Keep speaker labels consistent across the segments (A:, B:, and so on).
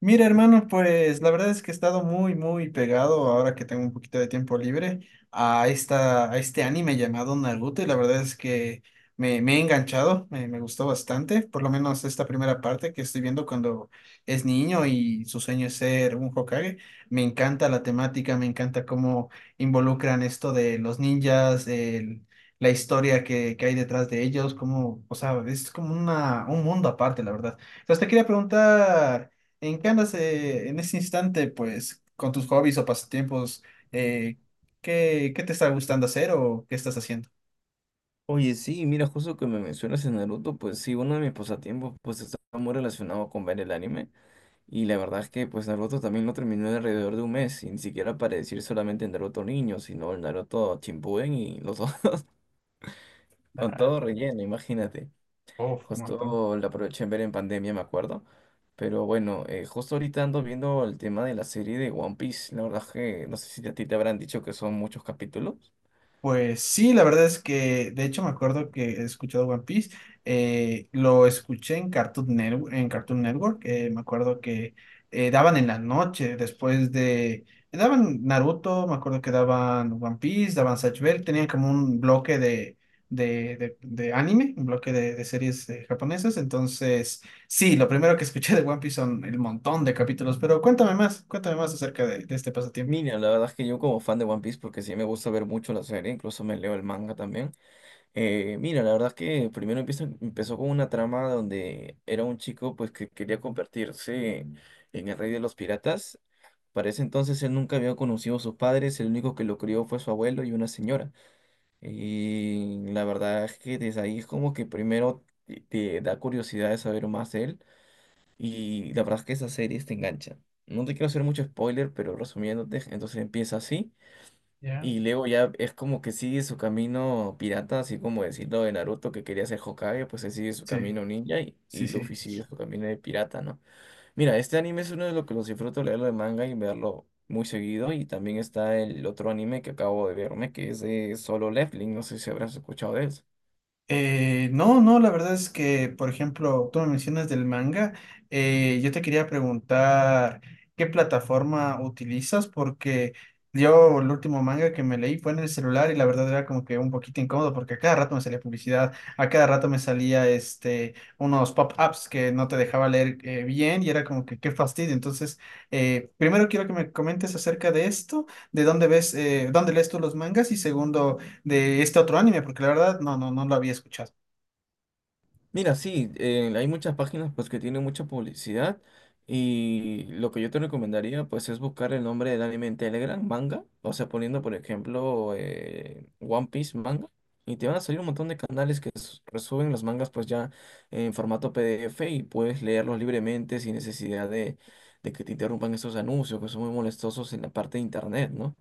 A: Mira, hermano, pues la verdad es que he estado muy, muy pegado ahora que tengo un poquito de tiempo libre a este anime llamado Naruto y la verdad es que me he enganchado, me gustó bastante, por lo menos esta primera parte que estoy viendo cuando es niño y su sueño es ser un Hokage. Me encanta la temática, me encanta cómo involucran esto de los ninjas, la historia que hay detrás de ellos, como, o sea, es como un mundo aparte, la verdad. Entonces te quería preguntar... ¿En qué andas en ese instante, pues, con tus hobbies o pasatiempos? Eh, ¿qué te está gustando hacer o qué estás haciendo?
B: Oye, sí, mira, justo que me mencionas en Naruto, pues sí, uno de mis pasatiempos pues está muy relacionado con ver el anime y la verdad es que pues Naruto también lo terminé en alrededor de un mes y ni siquiera para decir solamente el Naruto niño, sino el Naruto Shippuden y los dos con
A: Ah,
B: todo relleno, imagínate.
A: uf, un montón.
B: Justo lo aproveché en ver en pandemia, me acuerdo, pero bueno, justo ahorita ando viendo el tema de la serie de One Piece, la verdad es que no sé si a ti te habrán dicho que son muchos capítulos.
A: Pues sí, la verdad es que, de hecho, me acuerdo que he escuchado One Piece. Lo escuché en Cartoon Network, en Cartoon Network. Me acuerdo que daban en la noche, después de. Daban Naruto, me acuerdo que daban One Piece, daban Zatch Bell. Tenían como un bloque de, de anime, un bloque de series japonesas. Entonces, sí, lo primero que escuché de One Piece son el montón de capítulos. Pero cuéntame más acerca de este pasatiempo.
B: Mira, la verdad es que yo como fan de One Piece, porque sí me gusta ver mucho la serie, incluso me leo el manga también. Mira, la verdad es que empezó con una trama donde era un chico pues que quería convertirse en el rey de los piratas. Para ese entonces él nunca había conocido a sus padres, el único que lo crió fue su abuelo y una señora. Y la verdad es que desde ahí es como que primero te da curiosidad de saber más de él y la verdad es que esas series te enganchan. No te quiero hacer mucho spoiler, pero resumiéndote, entonces empieza así.
A: ¿Ya?
B: Y luego ya es como que sigue su camino pirata, así como decirlo de Naruto que quería ser Hokage, pues él sigue su
A: Sí,
B: camino ninja y,
A: sí,
B: y Luffy
A: sí.
B: sigue su camino de pirata, ¿no? Mira, este anime es uno de los que los disfruto leerlo de manga y verlo muy seguido. Y también está el otro anime que acabo de verme, que es de Solo Leveling, no sé si habrás escuchado de él.
A: No, no, la verdad es que, por ejemplo, tú me mencionas del manga. Yo te quería preguntar qué plataforma utilizas, porque yo el último manga que me leí fue en el celular y la verdad era como que un poquito incómodo porque a cada rato me salía publicidad, a cada rato me salía este, unos pop-ups que no te dejaba leer bien y era como que qué fastidio. Entonces, primero quiero que me comentes acerca de esto, de dónde ves, dónde lees tú los mangas y segundo de este otro anime, porque la verdad no lo había escuchado.
B: Mira, sí, hay muchas páginas pues que tienen mucha publicidad y lo que yo te recomendaría pues es buscar el nombre del anime en Telegram, manga, o sea, poniendo por ejemplo One Piece manga y te van a salir un montón de canales que resuben los mangas pues ya en formato PDF y puedes leerlos libremente sin necesidad de que te interrumpan esos anuncios que son muy molestosos en la parte de internet, ¿no?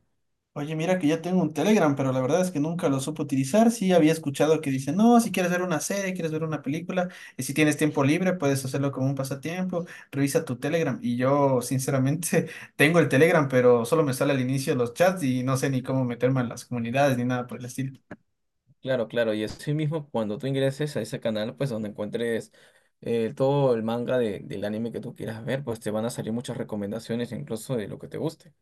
A: Oye, mira que ya tengo un Telegram, pero la verdad es que nunca lo supe utilizar. Sí había escuchado que dice, no, si quieres ver una serie, quieres ver una película, y si tienes tiempo libre, puedes hacerlo como un pasatiempo, revisa tu Telegram. Y yo, sinceramente, tengo el Telegram, pero solo me sale al inicio los chats y no sé ni cómo meterme en las comunidades ni nada por el estilo.
B: Claro, claro, y así mismo cuando tú ingreses a ese canal, pues donde encuentres todo el manga del anime que tú quieras ver, pues te van a salir muchas recomendaciones incluso de lo que te guste.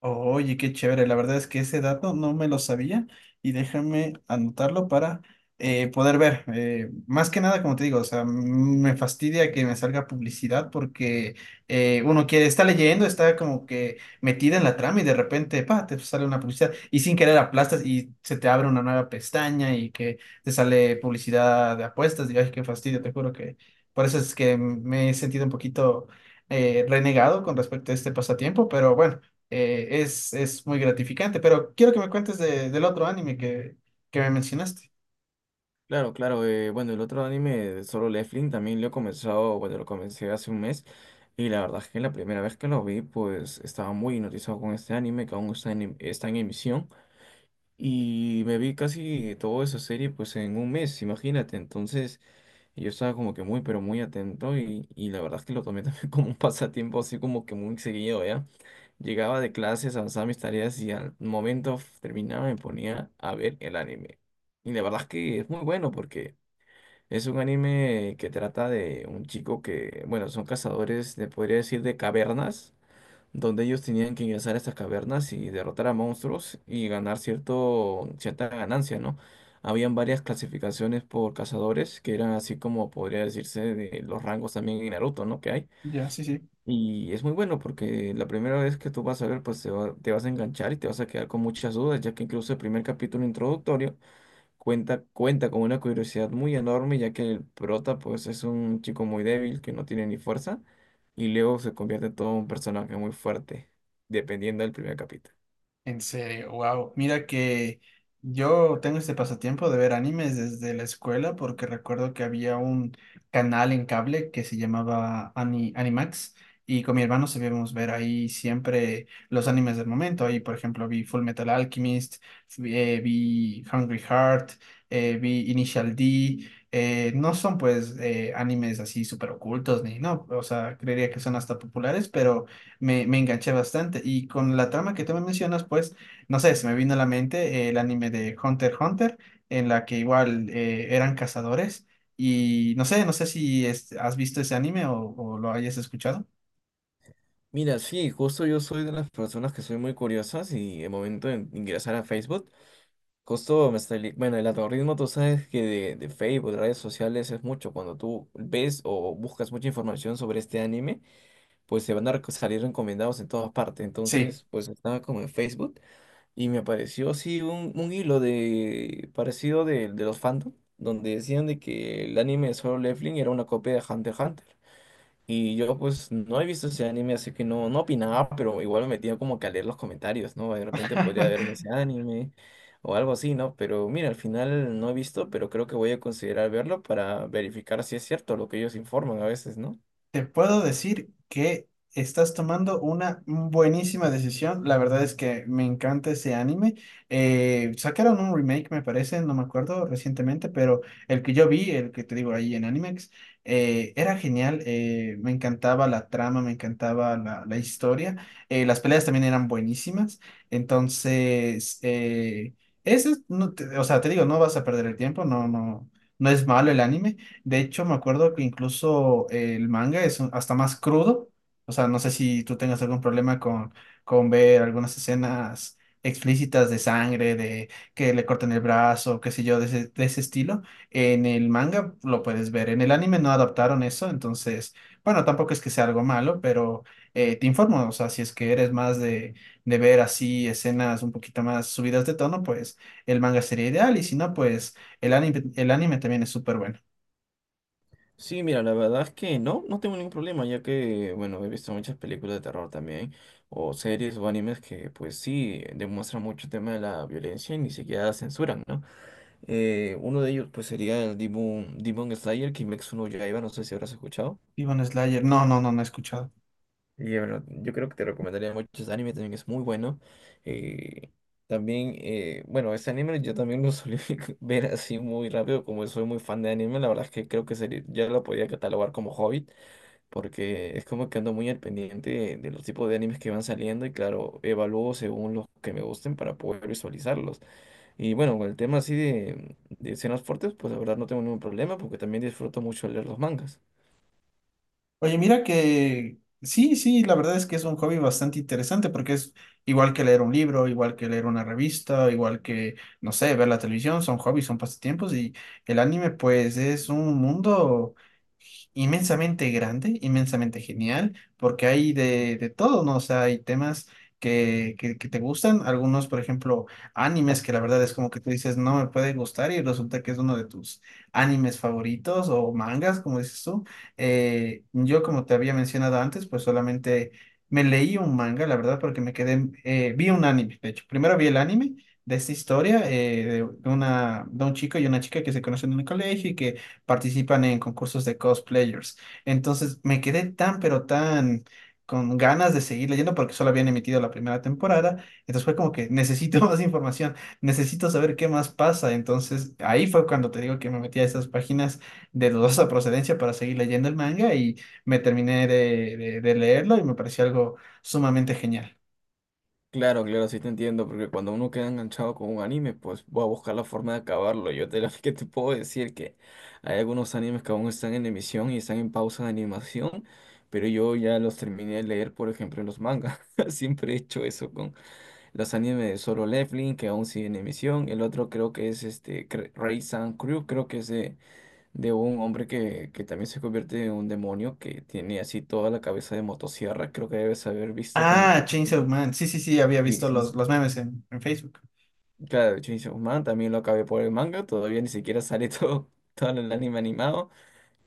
A: Oye, qué chévere. La verdad es que ese dato no me lo sabía y déjame anotarlo para poder ver. Más que nada, como te digo, o sea, me fastidia que me salga publicidad porque uno que está leyendo, está como que metida en la trama y de repente, pa, te sale una publicidad y sin querer aplastas y se te abre una nueva pestaña y que te sale publicidad de apuestas. Y ay, qué fastidio, te juro que por eso es que me he sentido un poquito renegado con respecto a este pasatiempo, pero bueno es muy gratificante, pero quiero que me cuentes del otro anime que me mencionaste.
B: Claro, claro, bueno, el otro anime de Solo Leveling también lo he comenzado, bueno, lo comencé hace un mes y la verdad es que la primera vez que lo vi, pues estaba muy hipnotizado con este anime que aún está en emisión. Y me vi casi toda esa serie pues en un mes, imagínate. Entonces yo estaba como que muy, pero muy atento y la verdad es que lo tomé también como un pasatiempo así como que muy seguido, ¿ya? Llegaba de clases, avanzaba mis tareas y al momento terminaba me ponía a ver el anime. Y la verdad es que es muy bueno porque es un anime que trata de un chico que, bueno, son cazadores, de, podría decir, de cavernas donde ellos tenían que ingresar a estas cavernas y derrotar a monstruos y ganar cierta ganancia, ¿no? Habían varias clasificaciones por cazadores, que eran así como podría decirse de los rangos también en Naruto, ¿no? Que hay.
A: Ya, sí, sí.
B: Y es muy bueno porque la primera vez que tú vas a ver, pues te vas a enganchar y te vas a quedar con muchas dudas, ya que incluso el primer capítulo introductorio cuenta con una curiosidad muy enorme, ya que el prota pues es un chico muy débil que no tiene ni fuerza y luego se convierte en todo un personaje muy fuerte, dependiendo del primer capítulo.
A: En serio, wow. Mira que yo tengo este pasatiempo de ver animes desde la escuela porque recuerdo que había un canal en cable que se llamaba Animax y con mi hermano sabíamos ver ahí siempre los animes del momento. Ahí, por ejemplo, vi Full Metal Alchemist, vi, vi Hungry Heart, vi Initial D. No son pues animes así súper ocultos ni no, o sea, creería que son hasta populares, pero me enganché bastante. Y con la trama que tú me mencionas, pues, no sé, se me vino a la mente el anime de Hunter x Hunter, en la que igual eran cazadores. Y no sé, no sé si es- has visto ese anime o lo hayas escuchado.
B: Mira, sí, justo yo soy de las personas que soy muy curiosas y el momento de ingresar a Facebook, justo me salí, bueno, el algoritmo tú sabes que de Facebook, de redes sociales es mucho, cuando tú ves o buscas mucha información sobre este anime, pues se van a salir recomendados en todas partes,
A: Sí.
B: entonces pues estaba como en Facebook. Y me apareció así un hilo de parecido de los fandom, donde decían de que el anime de Solo Leveling era una copia de Hunter x Hunter. Y yo pues no he visto ese anime, así que no opinaba, pero igual me metía como que a leer los comentarios, ¿no? De repente podría verme ese anime o algo así, ¿no? Pero mira, al final no he visto, pero creo que voy a considerar verlo para verificar si es cierto lo que ellos informan a veces, ¿no?
A: Te puedo decir que estás tomando una buenísima decisión. La verdad es que me encanta ese anime. Sacaron un remake, me parece, no me acuerdo recientemente, pero el que yo vi, el que te digo ahí en Animex, era genial. Me encantaba la trama, me encantaba la historia. Las peleas también eran buenísimas. Entonces, ese, no te- o sea, te digo, no vas a perder el tiempo, no, no, no es malo el anime. De hecho, me acuerdo que incluso el manga es hasta más crudo. O sea, no sé si tú tengas algún problema con ver algunas escenas explícitas de sangre, de que le cortan el brazo, qué sé yo, de de ese estilo. En el manga lo puedes ver. En el anime no adaptaron eso, entonces, bueno, tampoco es que sea algo malo, pero te informo. O sea, si es que eres más de ver así escenas un poquito más subidas de tono, pues el manga sería ideal. Y si no, pues el anime también es súper bueno.
B: Sí, mira, la verdad es que no tengo ningún problema, ya que, bueno, he visto muchas películas de terror también, o series o animes que, pues sí, demuestran mucho el tema de la violencia y ni siquiera censuran, ¿no? Uno de ellos, pues, sería el Demon Slayer, Kimetsu no Yaiba, no sé si habrás escuchado.
A: Demon Slayer. No, no, no, no he escuchado.
B: Y bueno, yo creo que te recomendaría mucho ese anime, también es muy bueno. Eh, también, bueno, ese anime yo también lo solía ver así muy rápido, como soy muy fan de anime, la verdad es que creo que sería, ya lo podía catalogar como hobby porque es como que ando muy al pendiente de los tipos de animes que van saliendo y claro, evalúo según los que me gusten para poder visualizarlos. Y bueno, con el tema así de escenas fuertes, pues la verdad no tengo ningún problema porque también disfruto mucho leer los mangas.
A: Oye, mira que sí, sí, la verdad es que es un hobby bastante interesante porque es igual que leer un libro, igual que leer una revista, igual que, no sé, ver la televisión, son hobbies, son pasatiempos y el anime pues es un mundo inmensamente grande, inmensamente genial, porque hay de todo, ¿no? O sea, hay temas que te gustan, algunos, por ejemplo, animes que la verdad es como que tú dices, no me puede gustar y resulta que es uno de tus animes favoritos o mangas, como dices tú. Yo, como te había mencionado antes, pues solamente me leí un manga, la verdad, porque me quedé, vi un anime, de hecho. Primero vi el anime de esta historia de una, de un chico y una chica que se conocen en el colegio y que participan en concursos de cosplayers. Entonces me quedé tan, pero tan con ganas de seguir leyendo porque solo habían emitido la primera temporada. Entonces fue como que necesito más información, necesito saber qué más pasa. Entonces ahí fue cuando te digo que me metí a esas páginas de dudosa procedencia para seguir leyendo el manga y me terminé de, de leerlo y me pareció algo sumamente genial.
B: Claro, claro, sí te entiendo, porque cuando uno queda enganchado con un anime, pues va a buscar la forma de acabarlo. Que te puedo decir que hay algunos animes que aún están en emisión y están en pausa de animación, pero yo ya los terminé de leer, por ejemplo, en los mangas. Siempre he hecho eso. Los animes de Solo Leveling, que aún sigue en emisión. El otro creo que es este Ray San Crew, creo que es de un hombre que también se convierte en un demonio, que tiene así toda la cabeza de motosierra. Creo que debes haber visto como
A: Ah,
B: que...
A: Chainsaw Man. Sí, sí, sí, había
B: Sí,
A: visto
B: sí, sí.
A: los memes en Facebook.
B: Claro, Chainsaw Man también lo acabé por el manga, todavía ni siquiera sale todo, todo el anime animado.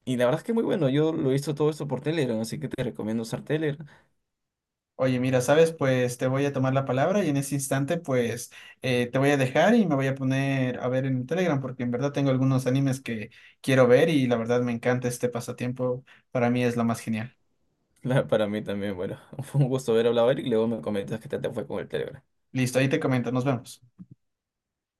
B: Y la verdad es que muy bueno, yo lo he visto todo esto por Telegram, así que te recomiendo usar Telegram.
A: Oye, mira, ¿sabes? Pues te voy a tomar la palabra y en ese instante, pues te voy a dejar y me voy a poner a ver en Telegram porque en verdad tengo algunos animes que quiero ver y la verdad me encanta este pasatiempo. Para mí es lo más genial.
B: Para mí también, bueno, fue un gusto haber hablado, Eric, y luego me comentas qué tal te fue con el Telegram.
A: Listo, ahí te comento. Nos vemos.